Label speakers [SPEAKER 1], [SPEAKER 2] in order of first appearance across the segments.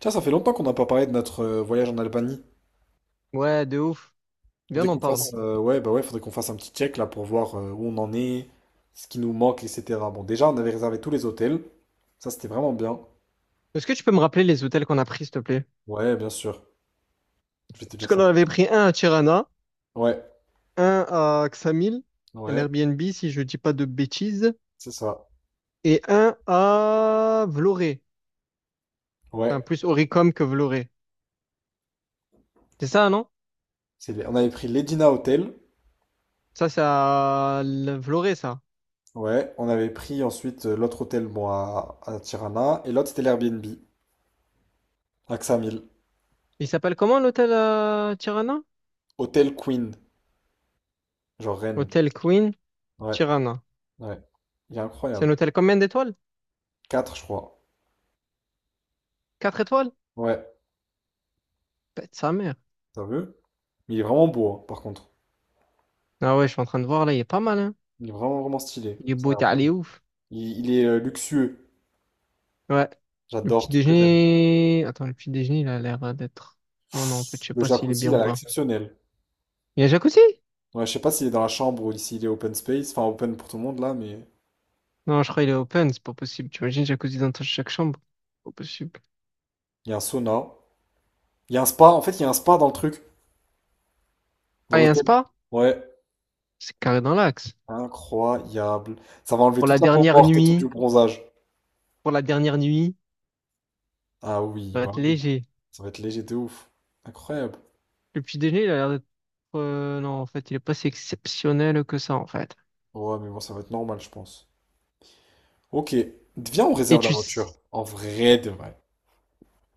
[SPEAKER 1] Tiens, ça fait longtemps qu'on n'a pas parlé de notre voyage en Albanie.
[SPEAKER 2] Ouais, de ouf. Viens,
[SPEAKER 1] Faudrait
[SPEAKER 2] on en
[SPEAKER 1] qu'on
[SPEAKER 2] parle.
[SPEAKER 1] fasse, ouais, bah ouais, faudrait qu'on fasse un petit check là pour voir où on en est, ce qui nous manque, etc. Bon, déjà, on avait réservé tous les hôtels. Ça, c'était vraiment bien.
[SPEAKER 2] Est-ce que tu peux me rappeler les hôtels qu'on a pris, s'il te plaît?
[SPEAKER 1] Ouais, bien sûr. Je vais te
[SPEAKER 2] Parce
[SPEAKER 1] dire
[SPEAKER 2] qu'on
[SPEAKER 1] ça.
[SPEAKER 2] en avait pris un à Tirana,
[SPEAKER 1] Ouais,
[SPEAKER 2] un à Ksamil, un
[SPEAKER 1] ouais,
[SPEAKER 2] Airbnb, si je dis pas de bêtises,
[SPEAKER 1] c'est ça.
[SPEAKER 2] et un à Vloré. Enfin,
[SPEAKER 1] Ouais.
[SPEAKER 2] plus Oricom que Vloré. C'est ça, non?
[SPEAKER 1] C'est les- On avait pris l'Edina Hotel.
[SPEAKER 2] Ça, c'est Vloré, ça.
[SPEAKER 1] Ouais. On avait pris ensuite l'autre hôtel, bon, à Tirana. Et l'autre, c'était l'Airbnb, à Ksamil.
[SPEAKER 2] Il s'appelle comment l'hôtel à Tirana?
[SPEAKER 1] Hôtel Queen, genre Rennes.
[SPEAKER 2] Hôtel Queen
[SPEAKER 1] Ouais,
[SPEAKER 2] Tirana.
[SPEAKER 1] ouais. Il est
[SPEAKER 2] C'est un
[SPEAKER 1] incroyable.
[SPEAKER 2] hôtel combien d'étoiles?
[SPEAKER 1] 4, je crois.
[SPEAKER 2] Quatre étoiles?
[SPEAKER 1] Ouais.
[SPEAKER 2] Pète sa mère.
[SPEAKER 1] Sérieux? Mais il est vraiment beau, hein, par contre.
[SPEAKER 2] Ah ouais, je suis en train de voir, là, il est pas mal, hein.
[SPEAKER 1] Il est vraiment, vraiment stylé.
[SPEAKER 2] Il est beau, t'es allé ouf.
[SPEAKER 1] Il est luxueux.
[SPEAKER 2] Ouais. Le
[SPEAKER 1] J'adore
[SPEAKER 2] petit
[SPEAKER 1] tout ce que j'aime.
[SPEAKER 2] déjeuner. Attends, le petit déjeuner, il a l'air d'être. Oh non, en fait, je sais
[SPEAKER 1] Le
[SPEAKER 2] pas s'il est
[SPEAKER 1] jacuzzi,
[SPEAKER 2] bien
[SPEAKER 1] il a
[SPEAKER 2] ou
[SPEAKER 1] l'air
[SPEAKER 2] pas.
[SPEAKER 1] exceptionnel.
[SPEAKER 2] Il y a jacuzzi?
[SPEAKER 1] Ouais, je sais pas s'il est dans la chambre ou s'il est open space, enfin open pour tout le monde là, mais
[SPEAKER 2] Non, je crois qu'il est open, c'est pas possible. Tu imagines jacuzzi dans chaque chambre? Pas possible.
[SPEAKER 1] il y a un sauna. Il y a un spa, en fait, il y a un spa dans le truc, dans
[SPEAKER 2] Ah, il y a un
[SPEAKER 1] l'hôtel.
[SPEAKER 2] spa?
[SPEAKER 1] Ouais,
[SPEAKER 2] C'est carré dans l'axe.
[SPEAKER 1] incroyable. Ça va enlever
[SPEAKER 2] Pour la
[SPEAKER 1] toute la peau
[SPEAKER 2] dernière
[SPEAKER 1] morte et tout
[SPEAKER 2] nuit,
[SPEAKER 1] du bronzage.
[SPEAKER 2] pour la dernière nuit,
[SPEAKER 1] Ah oui,
[SPEAKER 2] ça va
[SPEAKER 1] bah
[SPEAKER 2] être
[SPEAKER 1] oui.
[SPEAKER 2] léger.
[SPEAKER 1] Ça va être léger de ouf. Incroyable.
[SPEAKER 2] Le petit déjeuner, il a l'air d'être. Non, en fait, il est pas si exceptionnel que ça, en fait.
[SPEAKER 1] Ouais, mais bon, ça va être normal, je pense. Ok. Viens, on
[SPEAKER 2] Et
[SPEAKER 1] réserve la
[SPEAKER 2] tu.
[SPEAKER 1] voiture.
[SPEAKER 2] s-
[SPEAKER 1] En vrai de vrai.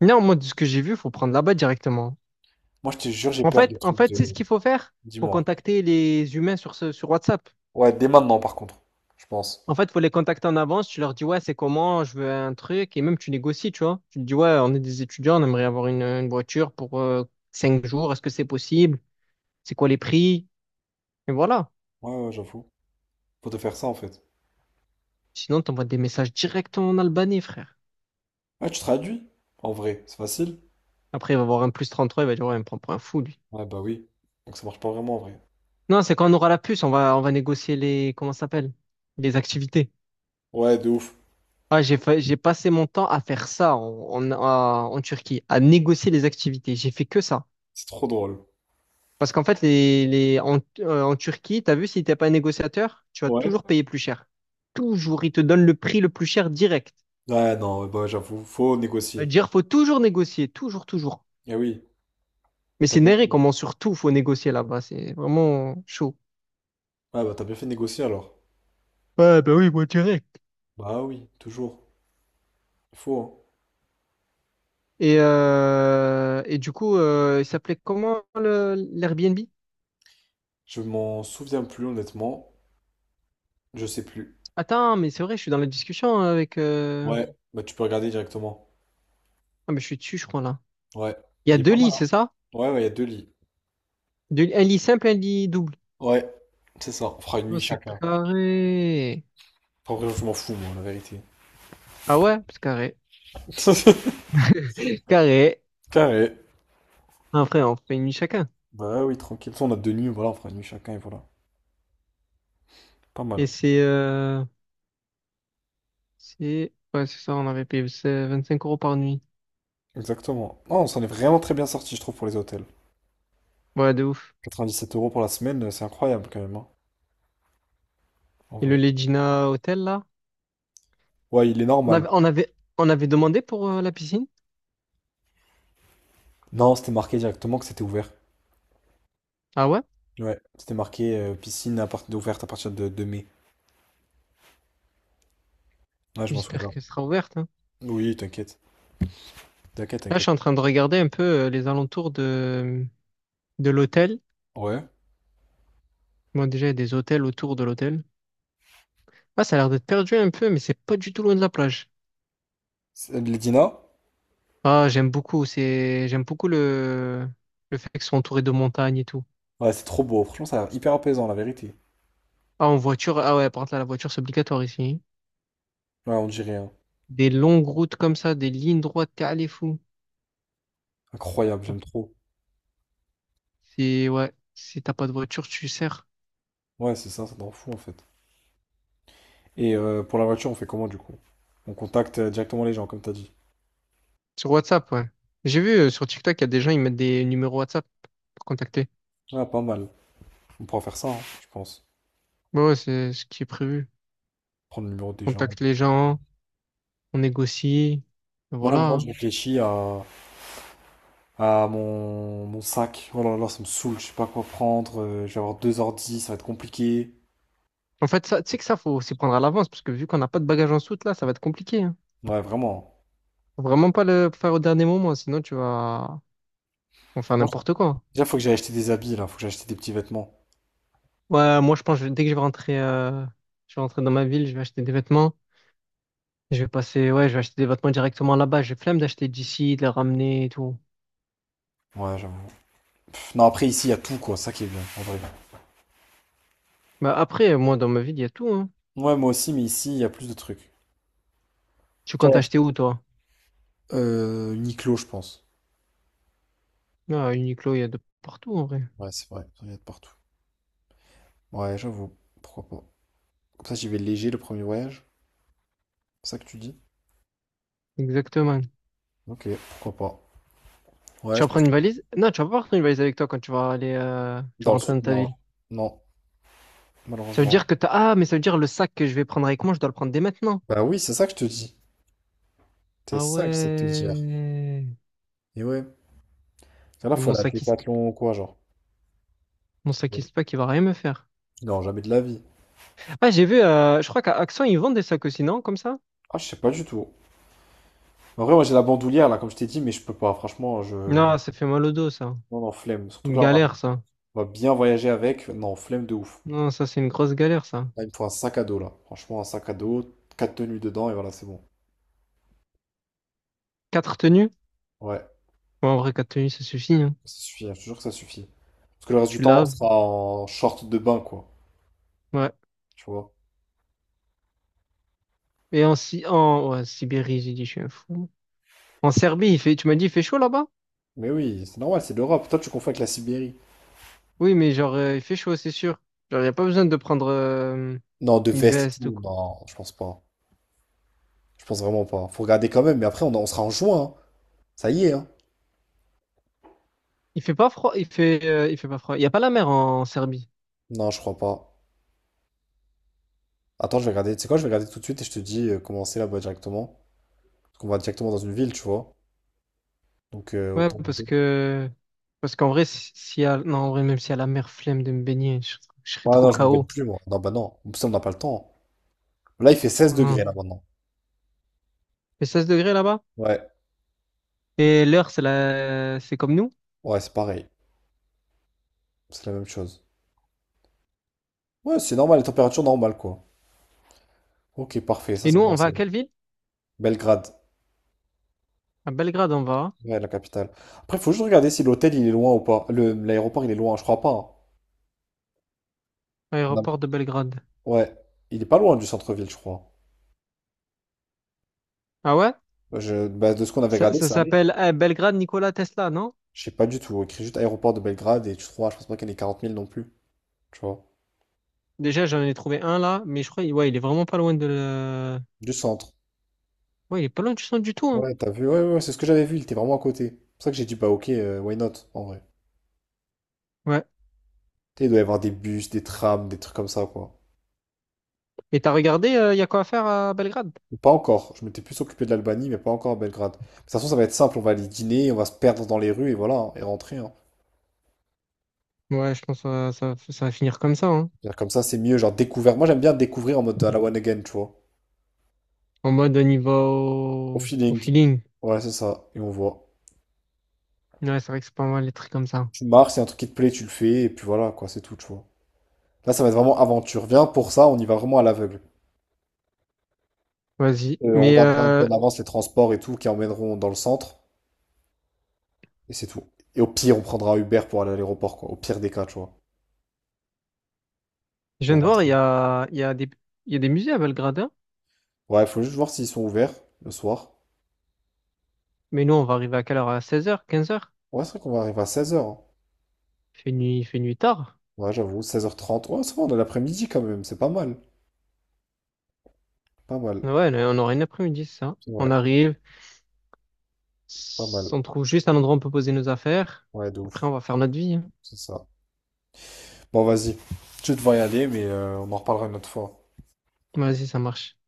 [SPEAKER 2] Non, moi, de ce que j'ai vu, faut prendre là-bas directement.
[SPEAKER 1] Moi, je te jure, j'ai
[SPEAKER 2] En
[SPEAKER 1] peur des
[SPEAKER 2] fait, en
[SPEAKER 1] trucs de...
[SPEAKER 2] fait, c'est ce qu'il faut faire. Faut
[SPEAKER 1] Dis-moi.
[SPEAKER 2] contacter les humains sur WhatsApp.
[SPEAKER 1] Ouais, dès maintenant, par contre, je pense.
[SPEAKER 2] En fait, faut les contacter en avance. Tu leur dis, ouais, c'est comment, je veux un truc. Et même, tu négocies, tu vois. Tu te dis, ouais, on est des étudiants, on aimerait avoir une voiture pour 5 jours. Est-ce que c'est possible? C'est quoi les prix? Et voilà.
[SPEAKER 1] Ouais, ouais, j'avoue. Faut te faire ça, en fait.
[SPEAKER 2] Sinon, t'envoies des messages directement en Albanais, frère.
[SPEAKER 1] Ouais, tu traduis, en vrai. C'est facile.
[SPEAKER 2] Après, il va voir un plus 33, il va dire, ouais, il me prend pour un fou, lui.
[SPEAKER 1] Ouais, bah oui. Donc ça marche pas vraiment, en vrai.
[SPEAKER 2] Non, c'est quand on aura la puce, on va négocier les, comment ça s'appelle? Les activités.
[SPEAKER 1] Ouais, de ouf.
[SPEAKER 2] Ah, j'ai passé mon temps à faire ça en Turquie, à négocier les activités. J'ai fait que ça.
[SPEAKER 1] C'est trop drôle.
[SPEAKER 2] Parce qu'en fait, en Turquie, tu as vu, si t'es pas négociateur, tu vas
[SPEAKER 1] Ouais.
[SPEAKER 2] toujours payer plus cher. Toujours, ils te donnent le prix le plus cher direct.
[SPEAKER 1] Ouais, non, ouais, bah j'avoue, faut négocier.
[SPEAKER 2] C'est-à-dire, faut toujours négocier, toujours, toujours.
[SPEAKER 1] Eh oui,
[SPEAKER 2] Mais
[SPEAKER 1] t'as
[SPEAKER 2] c'est
[SPEAKER 1] bien
[SPEAKER 2] néré
[SPEAKER 1] fait.
[SPEAKER 2] comment surtout faut négocier là-bas, c'est vraiment chaud.
[SPEAKER 1] Ouais, bah t'as bien fait de négocier, alors.
[SPEAKER 2] Ouais, bah oui, moi direct.
[SPEAKER 1] Bah oui, toujours. Il faut, hein.
[SPEAKER 2] Et du coup, il s'appelait comment l'Airbnb?
[SPEAKER 1] Je m'en souviens plus, honnêtement. Je sais plus.
[SPEAKER 2] Attends, mais c'est vrai, je suis dans la discussion avec,
[SPEAKER 1] Ouais, bah tu peux regarder directement.
[SPEAKER 2] ah, mais je suis dessus, je crois, là.
[SPEAKER 1] Ouais.
[SPEAKER 2] Il y a
[SPEAKER 1] Il est
[SPEAKER 2] deux
[SPEAKER 1] pas mal,
[SPEAKER 2] lits,
[SPEAKER 1] hein.
[SPEAKER 2] c'est ça?
[SPEAKER 1] Ouais, ouais, il y a deux lits.
[SPEAKER 2] Un lit simple, un lit double.
[SPEAKER 1] Ouais, c'est ça. On fera une
[SPEAKER 2] Oh,
[SPEAKER 1] nuit
[SPEAKER 2] c'est
[SPEAKER 1] chacun.
[SPEAKER 2] carré.
[SPEAKER 1] En vrai, je m'en fous, moi, la vérité.
[SPEAKER 2] Ah ouais, c'est carré. Carré.
[SPEAKER 1] Carré.
[SPEAKER 2] Après, on fait une nuit chacun.
[SPEAKER 1] Bah ouais, oui, tranquille. On a deux nuits, voilà, on fera une nuit chacun et voilà. Pas
[SPEAKER 2] Et
[SPEAKER 1] mal.
[SPEAKER 2] c'est... euh, Ouais, c'est ça, on avait payé c'est 5 € par nuit.
[SPEAKER 1] Exactement. Non, on s'en est vraiment très bien sorti, je trouve, pour les hôtels.
[SPEAKER 2] Ouais, de ouf.
[SPEAKER 1] 97 € pour la semaine, c'est incroyable quand même, hein, en
[SPEAKER 2] Et le
[SPEAKER 1] vrai.
[SPEAKER 2] Legina Hotel, là?
[SPEAKER 1] Ouais, il est
[SPEAKER 2] On
[SPEAKER 1] normal.
[SPEAKER 2] avait, on avait, on avait demandé pour la piscine?
[SPEAKER 1] Non, c'était marqué directement que c'était ouvert.
[SPEAKER 2] Ah ouais?
[SPEAKER 1] Ouais, c'était marqué piscine à partir ouverte à partir de mai. Ouais, je m'en
[SPEAKER 2] J'espère
[SPEAKER 1] souviens.
[SPEAKER 2] qu'elle sera ouverte, hein.
[SPEAKER 1] Oui, t'inquiète. T'inquiète,
[SPEAKER 2] Là, je
[SPEAKER 1] t'inquiète.
[SPEAKER 2] suis en train de regarder un peu les alentours de l'hôtel.
[SPEAKER 1] Ouais.
[SPEAKER 2] Moi, déjà, il y a des hôtels autour de l'hôtel. Ah, ça a l'air d'être perdu un peu, mais c'est pas du tout loin de la plage.
[SPEAKER 1] Les dîners?
[SPEAKER 2] Ah, j'aime beaucoup. J'aime beaucoup le fait qu'ils soient entourés de montagnes et tout.
[SPEAKER 1] Ouais, c'est trop beau. Franchement, ça a l'air hyper apaisant, la vérité.
[SPEAKER 2] Ah, en voiture, ah ouais, par contre, là, la voiture, c'est obligatoire ici.
[SPEAKER 1] Ouais, on dirait, hein.
[SPEAKER 2] Des longues routes comme ça, des lignes droites, t'es allé fou.
[SPEAKER 1] Incroyable,
[SPEAKER 2] T'as-
[SPEAKER 1] j'aime trop.
[SPEAKER 2] ouais, si t'as pas de voiture, tu sers.
[SPEAKER 1] Ouais, c'est ça, ça t'en fout en fait. Et pour la voiture, on fait comment du coup? On contacte directement les gens, comme t'as dit.
[SPEAKER 2] Sur WhatsApp, ouais. J'ai vu sur TikTok, il y a des gens, ils mettent des numéros WhatsApp pour contacter.
[SPEAKER 1] Ah, pas mal. On pourra faire ça, hein, je pense.
[SPEAKER 2] Ouais, ouais, c'est ce qui est prévu.
[SPEAKER 1] Prendre le numéro des
[SPEAKER 2] On
[SPEAKER 1] gens.
[SPEAKER 2] contacte les gens, on négocie, et
[SPEAKER 1] Moi, là,
[SPEAKER 2] voilà,
[SPEAKER 1] maintenant, je
[SPEAKER 2] hein.
[SPEAKER 1] réfléchis à, à mon sac. Oh là là, ça me saoule. Je sais pas quoi prendre. Je vais avoir deux ordi, ça va être compliqué.
[SPEAKER 2] En fait, ça, tu sais que ça, faut s'y prendre à l'avance, parce que vu qu'on n'a pas de bagages en soute, là, ça va être compliqué, hein.
[SPEAKER 1] Ouais, vraiment.
[SPEAKER 2] Faut vraiment pas le faire au dernier moment, sinon tu vas, on faire
[SPEAKER 1] Moi, je-
[SPEAKER 2] n'importe quoi.
[SPEAKER 1] Déjà, faut que j'aille acheter des habits, là. Faut que j'aille acheter des petits vêtements.
[SPEAKER 2] Ouais, moi je pense que dès que je vais rentrer dans ma ville, je vais acheter des vêtements. Je vais passer, ouais, je vais acheter des vêtements directement là-bas. J'ai flemme d'acheter d'ici, de les ramener et tout.
[SPEAKER 1] Ouais, j'avoue. Pff, non, après, ici, il y a tout, quoi. Ça qui est bien, en vrai.
[SPEAKER 2] Bah après, moi dans ma ville, il y a tout, hein.
[SPEAKER 1] Ouais, moi aussi, mais ici, il y a plus de trucs.
[SPEAKER 2] Tu comptes
[SPEAKER 1] Ok.
[SPEAKER 2] acheter où toi?
[SPEAKER 1] Uniqlo, je pense.
[SPEAKER 2] Ah, Uniqlo, il y a de partout en vrai.
[SPEAKER 1] Ouais, c'est vrai. Il y a de partout. Ouais, j'avoue. Pourquoi pas. Comme ça, j'y vais léger le premier voyage. C'est ça que tu dis?
[SPEAKER 2] Exactement.
[SPEAKER 1] Ok, pourquoi pas. Ouais,
[SPEAKER 2] Tu
[SPEAKER 1] je
[SPEAKER 2] vas
[SPEAKER 1] pense
[SPEAKER 2] prendre une valise? Non, tu vas pas prendre une valise avec toi quand tu vas aller,
[SPEAKER 1] que
[SPEAKER 2] tu
[SPEAKER 1] dans
[SPEAKER 2] vas
[SPEAKER 1] le
[SPEAKER 2] rentrer
[SPEAKER 1] sud,
[SPEAKER 2] dans ta
[SPEAKER 1] non.
[SPEAKER 2] ville.
[SPEAKER 1] Non,
[SPEAKER 2] Ça veut
[SPEAKER 1] malheureusement.
[SPEAKER 2] dire que t'as, ah, mais ça veut dire le sac que je vais prendre avec moi, je dois le prendre dès maintenant.
[SPEAKER 1] Bah oui, c'est ça que je te dis. C'est
[SPEAKER 2] Ah
[SPEAKER 1] ça que j'essaie de te dire.
[SPEAKER 2] ouais.
[SPEAKER 1] Et ouais. Et là,
[SPEAKER 2] Et
[SPEAKER 1] faut aller à Décathlon ou quoi, genre.
[SPEAKER 2] mon sac, il se pack, il va rien me faire.
[SPEAKER 1] Non, jamais de la vie.
[SPEAKER 2] Ah, j'ai vu, je crois qu'à Auchan, ils vendent des sacs aussi, non? Comme ça?
[SPEAKER 1] Ah, je sais pas du tout. En vrai, moi, j'ai la bandoulière, là, comme je t'ai dit, mais je peux pas. Franchement, non,
[SPEAKER 2] Non, ça fait mal au dos, ça.
[SPEAKER 1] non, non, flemme. Surtout
[SPEAKER 2] Une
[SPEAKER 1] que là, on va,
[SPEAKER 2] galère, ça.
[SPEAKER 1] on va bien voyager avec. Non, flemme de ouf.
[SPEAKER 2] Non, ça, c'est une grosse galère, ça.
[SPEAKER 1] Là, il me faut un sac à dos, là. Franchement, un sac à dos, quatre tenues dedans, et voilà, c'est bon.
[SPEAKER 2] Quatre tenues?
[SPEAKER 1] Ouais.
[SPEAKER 2] Ouais, en vrai, quatre tenues, ça suffit, hein.
[SPEAKER 1] Ça suffit, hein, je te jure que ça suffit. Parce que le reste du
[SPEAKER 2] Tu
[SPEAKER 1] temps, on
[SPEAKER 2] laves.
[SPEAKER 1] sera en short de bain, quoi.
[SPEAKER 2] Ouais.
[SPEAKER 1] Tu vois.
[SPEAKER 2] Et en, Si- en ouais, Sibérie, j'ai dit, je suis un fou. En Serbie, il fait, tu m'as dit, il fait chaud là-bas?
[SPEAKER 1] Mais oui, c'est normal, c'est l'Europe. Toi, tu confonds avec la Sibérie.
[SPEAKER 2] Oui, mais genre, il fait chaud, c'est sûr. Genre, il n'y a pas besoin de prendre
[SPEAKER 1] Non, de
[SPEAKER 2] une
[SPEAKER 1] veste et
[SPEAKER 2] veste ou
[SPEAKER 1] tout.
[SPEAKER 2] quoi.
[SPEAKER 1] Non, je pense pas. Je pense vraiment pas. Faut regarder quand même, mais après, on sera en juin, hein. Ça y est, hein.
[SPEAKER 2] Il fait pas froid, il fait pas froid. Il n'y a pas la mer en Serbie.
[SPEAKER 1] Non, je crois pas. Attends, je vais regarder. Tu sais quoi, je vais regarder tout de suite et je te dis comment c'est là-bas directement. Parce qu'on va directement dans une ville, tu vois. Donc,
[SPEAKER 2] Ouais,
[SPEAKER 1] autant
[SPEAKER 2] parce
[SPEAKER 1] regarder.
[SPEAKER 2] que parce qu'en vrai, si, s'il y a non, en vrai, même s'il y a la mer flemme de me baigner, je serais
[SPEAKER 1] Ah
[SPEAKER 2] trop
[SPEAKER 1] non, je me baigne
[SPEAKER 2] KO.
[SPEAKER 1] plus, moi. Non, bah non. En plus, on n'a pas le temps. Là, il fait 16 degrés,
[SPEAKER 2] Hum.
[SPEAKER 1] là, maintenant.
[SPEAKER 2] Et 16 degrés là-bas?
[SPEAKER 1] Ouais,
[SPEAKER 2] Et l'heure, c'est comme nous.
[SPEAKER 1] ouais, c'est pareil. C'est la même chose. Ouais, c'est normal, les températures normales, quoi. Ok, parfait, ça
[SPEAKER 2] Et
[SPEAKER 1] c'est
[SPEAKER 2] nous,
[SPEAKER 1] bon
[SPEAKER 2] on va à
[SPEAKER 1] signe.
[SPEAKER 2] quelle ville?
[SPEAKER 1] Belgrade,
[SPEAKER 2] À Belgrade, on va, hein.
[SPEAKER 1] ouais, la capitale. Après, faut juste regarder si l'hôtel il est loin ou pas. Le, l'aéroport il est loin, je crois pas, hein. Non.
[SPEAKER 2] Aéroport de Belgrade.
[SPEAKER 1] Ouais, il est pas loin du centre-ville, je crois.
[SPEAKER 2] Ah ouais?
[SPEAKER 1] Bah, de ce qu'on avait
[SPEAKER 2] Ça,
[SPEAKER 1] regardé,
[SPEAKER 2] ça
[SPEAKER 1] ça allait.
[SPEAKER 2] s'appelle Belgrade Nikola Tesla, non?
[SPEAKER 1] Je sais pas du tout. Écrit juste aéroport de Belgrade et tu trouveras, je pense pas qu'il y ait 40 000 non plus, tu vois.
[SPEAKER 2] Déjà, j'en ai trouvé un là, mais je crois, ouais, il est vraiment pas loin de le...
[SPEAKER 1] Du centre.
[SPEAKER 2] Ouais, il est pas loin du centre du tout, hein.
[SPEAKER 1] Ouais, t'as vu, ouais, ouais, c'est ce que j'avais vu, il était vraiment à côté. C'est pour ça que j'ai dit, bah ok, why not, en vrai.
[SPEAKER 2] Ouais.
[SPEAKER 1] Tu sais, il doit y avoir des bus, des trams, des trucs comme ça, quoi.
[SPEAKER 2] Et t'as regardé, il y a quoi à faire à Belgrade?
[SPEAKER 1] Ou pas encore. Je m'étais plus occupé de l'Albanie, mais pas encore à Belgrade. De toute façon, ça va être simple. On va aller dîner, on va se perdre dans les rues et voilà, hein, et rentrer, hein.
[SPEAKER 2] Ouais, je pense que ça va finir comme ça, hein.
[SPEAKER 1] C'est-à-dire comme ça, c'est mieux. Genre découvert. Moi, j'aime bien découvrir en mode à la one again, tu vois.
[SPEAKER 2] En mode on y va
[SPEAKER 1] Au
[SPEAKER 2] au
[SPEAKER 1] feeling.
[SPEAKER 2] feeling.
[SPEAKER 1] Ouais, c'est ça. Et on voit.
[SPEAKER 2] Ouais, c'est vrai que c'est pas mal les trucs comme ça.
[SPEAKER 1] Tu marches, c'est un truc qui te plaît, tu le fais, et puis voilà, quoi, c'est tout, tu vois. Là, ça va être vraiment aventure. Viens pour ça, on y va vraiment à l'aveugle.
[SPEAKER 2] Vas-y.
[SPEAKER 1] On
[SPEAKER 2] Mais
[SPEAKER 1] regardera un peu en avance les transports et tout qui emmèneront dans le centre, et c'est tout. Et au pire, on prendra Uber pour aller à l'aéroport, quoi. Au pire des cas, tu vois,
[SPEAKER 2] je viens
[SPEAKER 1] pour
[SPEAKER 2] de voir,
[SPEAKER 1] rentrer.
[SPEAKER 2] il y a des musées à Belgrade, hein.
[SPEAKER 1] Ouais, il faut juste voir s'ils sont ouverts le soir.
[SPEAKER 2] Mais nous, on va arriver à quelle heure? À 16h 15h.
[SPEAKER 1] Ouais, c'est vrai qu'on va arriver à 16h.
[SPEAKER 2] Il fait nuit tard.
[SPEAKER 1] Ouais, j'avoue, 16h30. Ouais, ça va, on est l'après-midi quand même. C'est pas mal. Pas mal.
[SPEAKER 2] Ouais, là, on aura une après-midi, c'est ça. On
[SPEAKER 1] Ouais,
[SPEAKER 2] arrive,
[SPEAKER 1] pas mal.
[SPEAKER 2] on trouve juste un endroit où on peut poser nos affaires.
[SPEAKER 1] Ouais, de ouf.
[SPEAKER 2] Après, on va faire notre vie, hein.
[SPEAKER 1] C'est ça. Bon, vas-y. Je vais devoir y aller, mais on en reparlera une autre fois.
[SPEAKER 2] Vas-y, ça marche.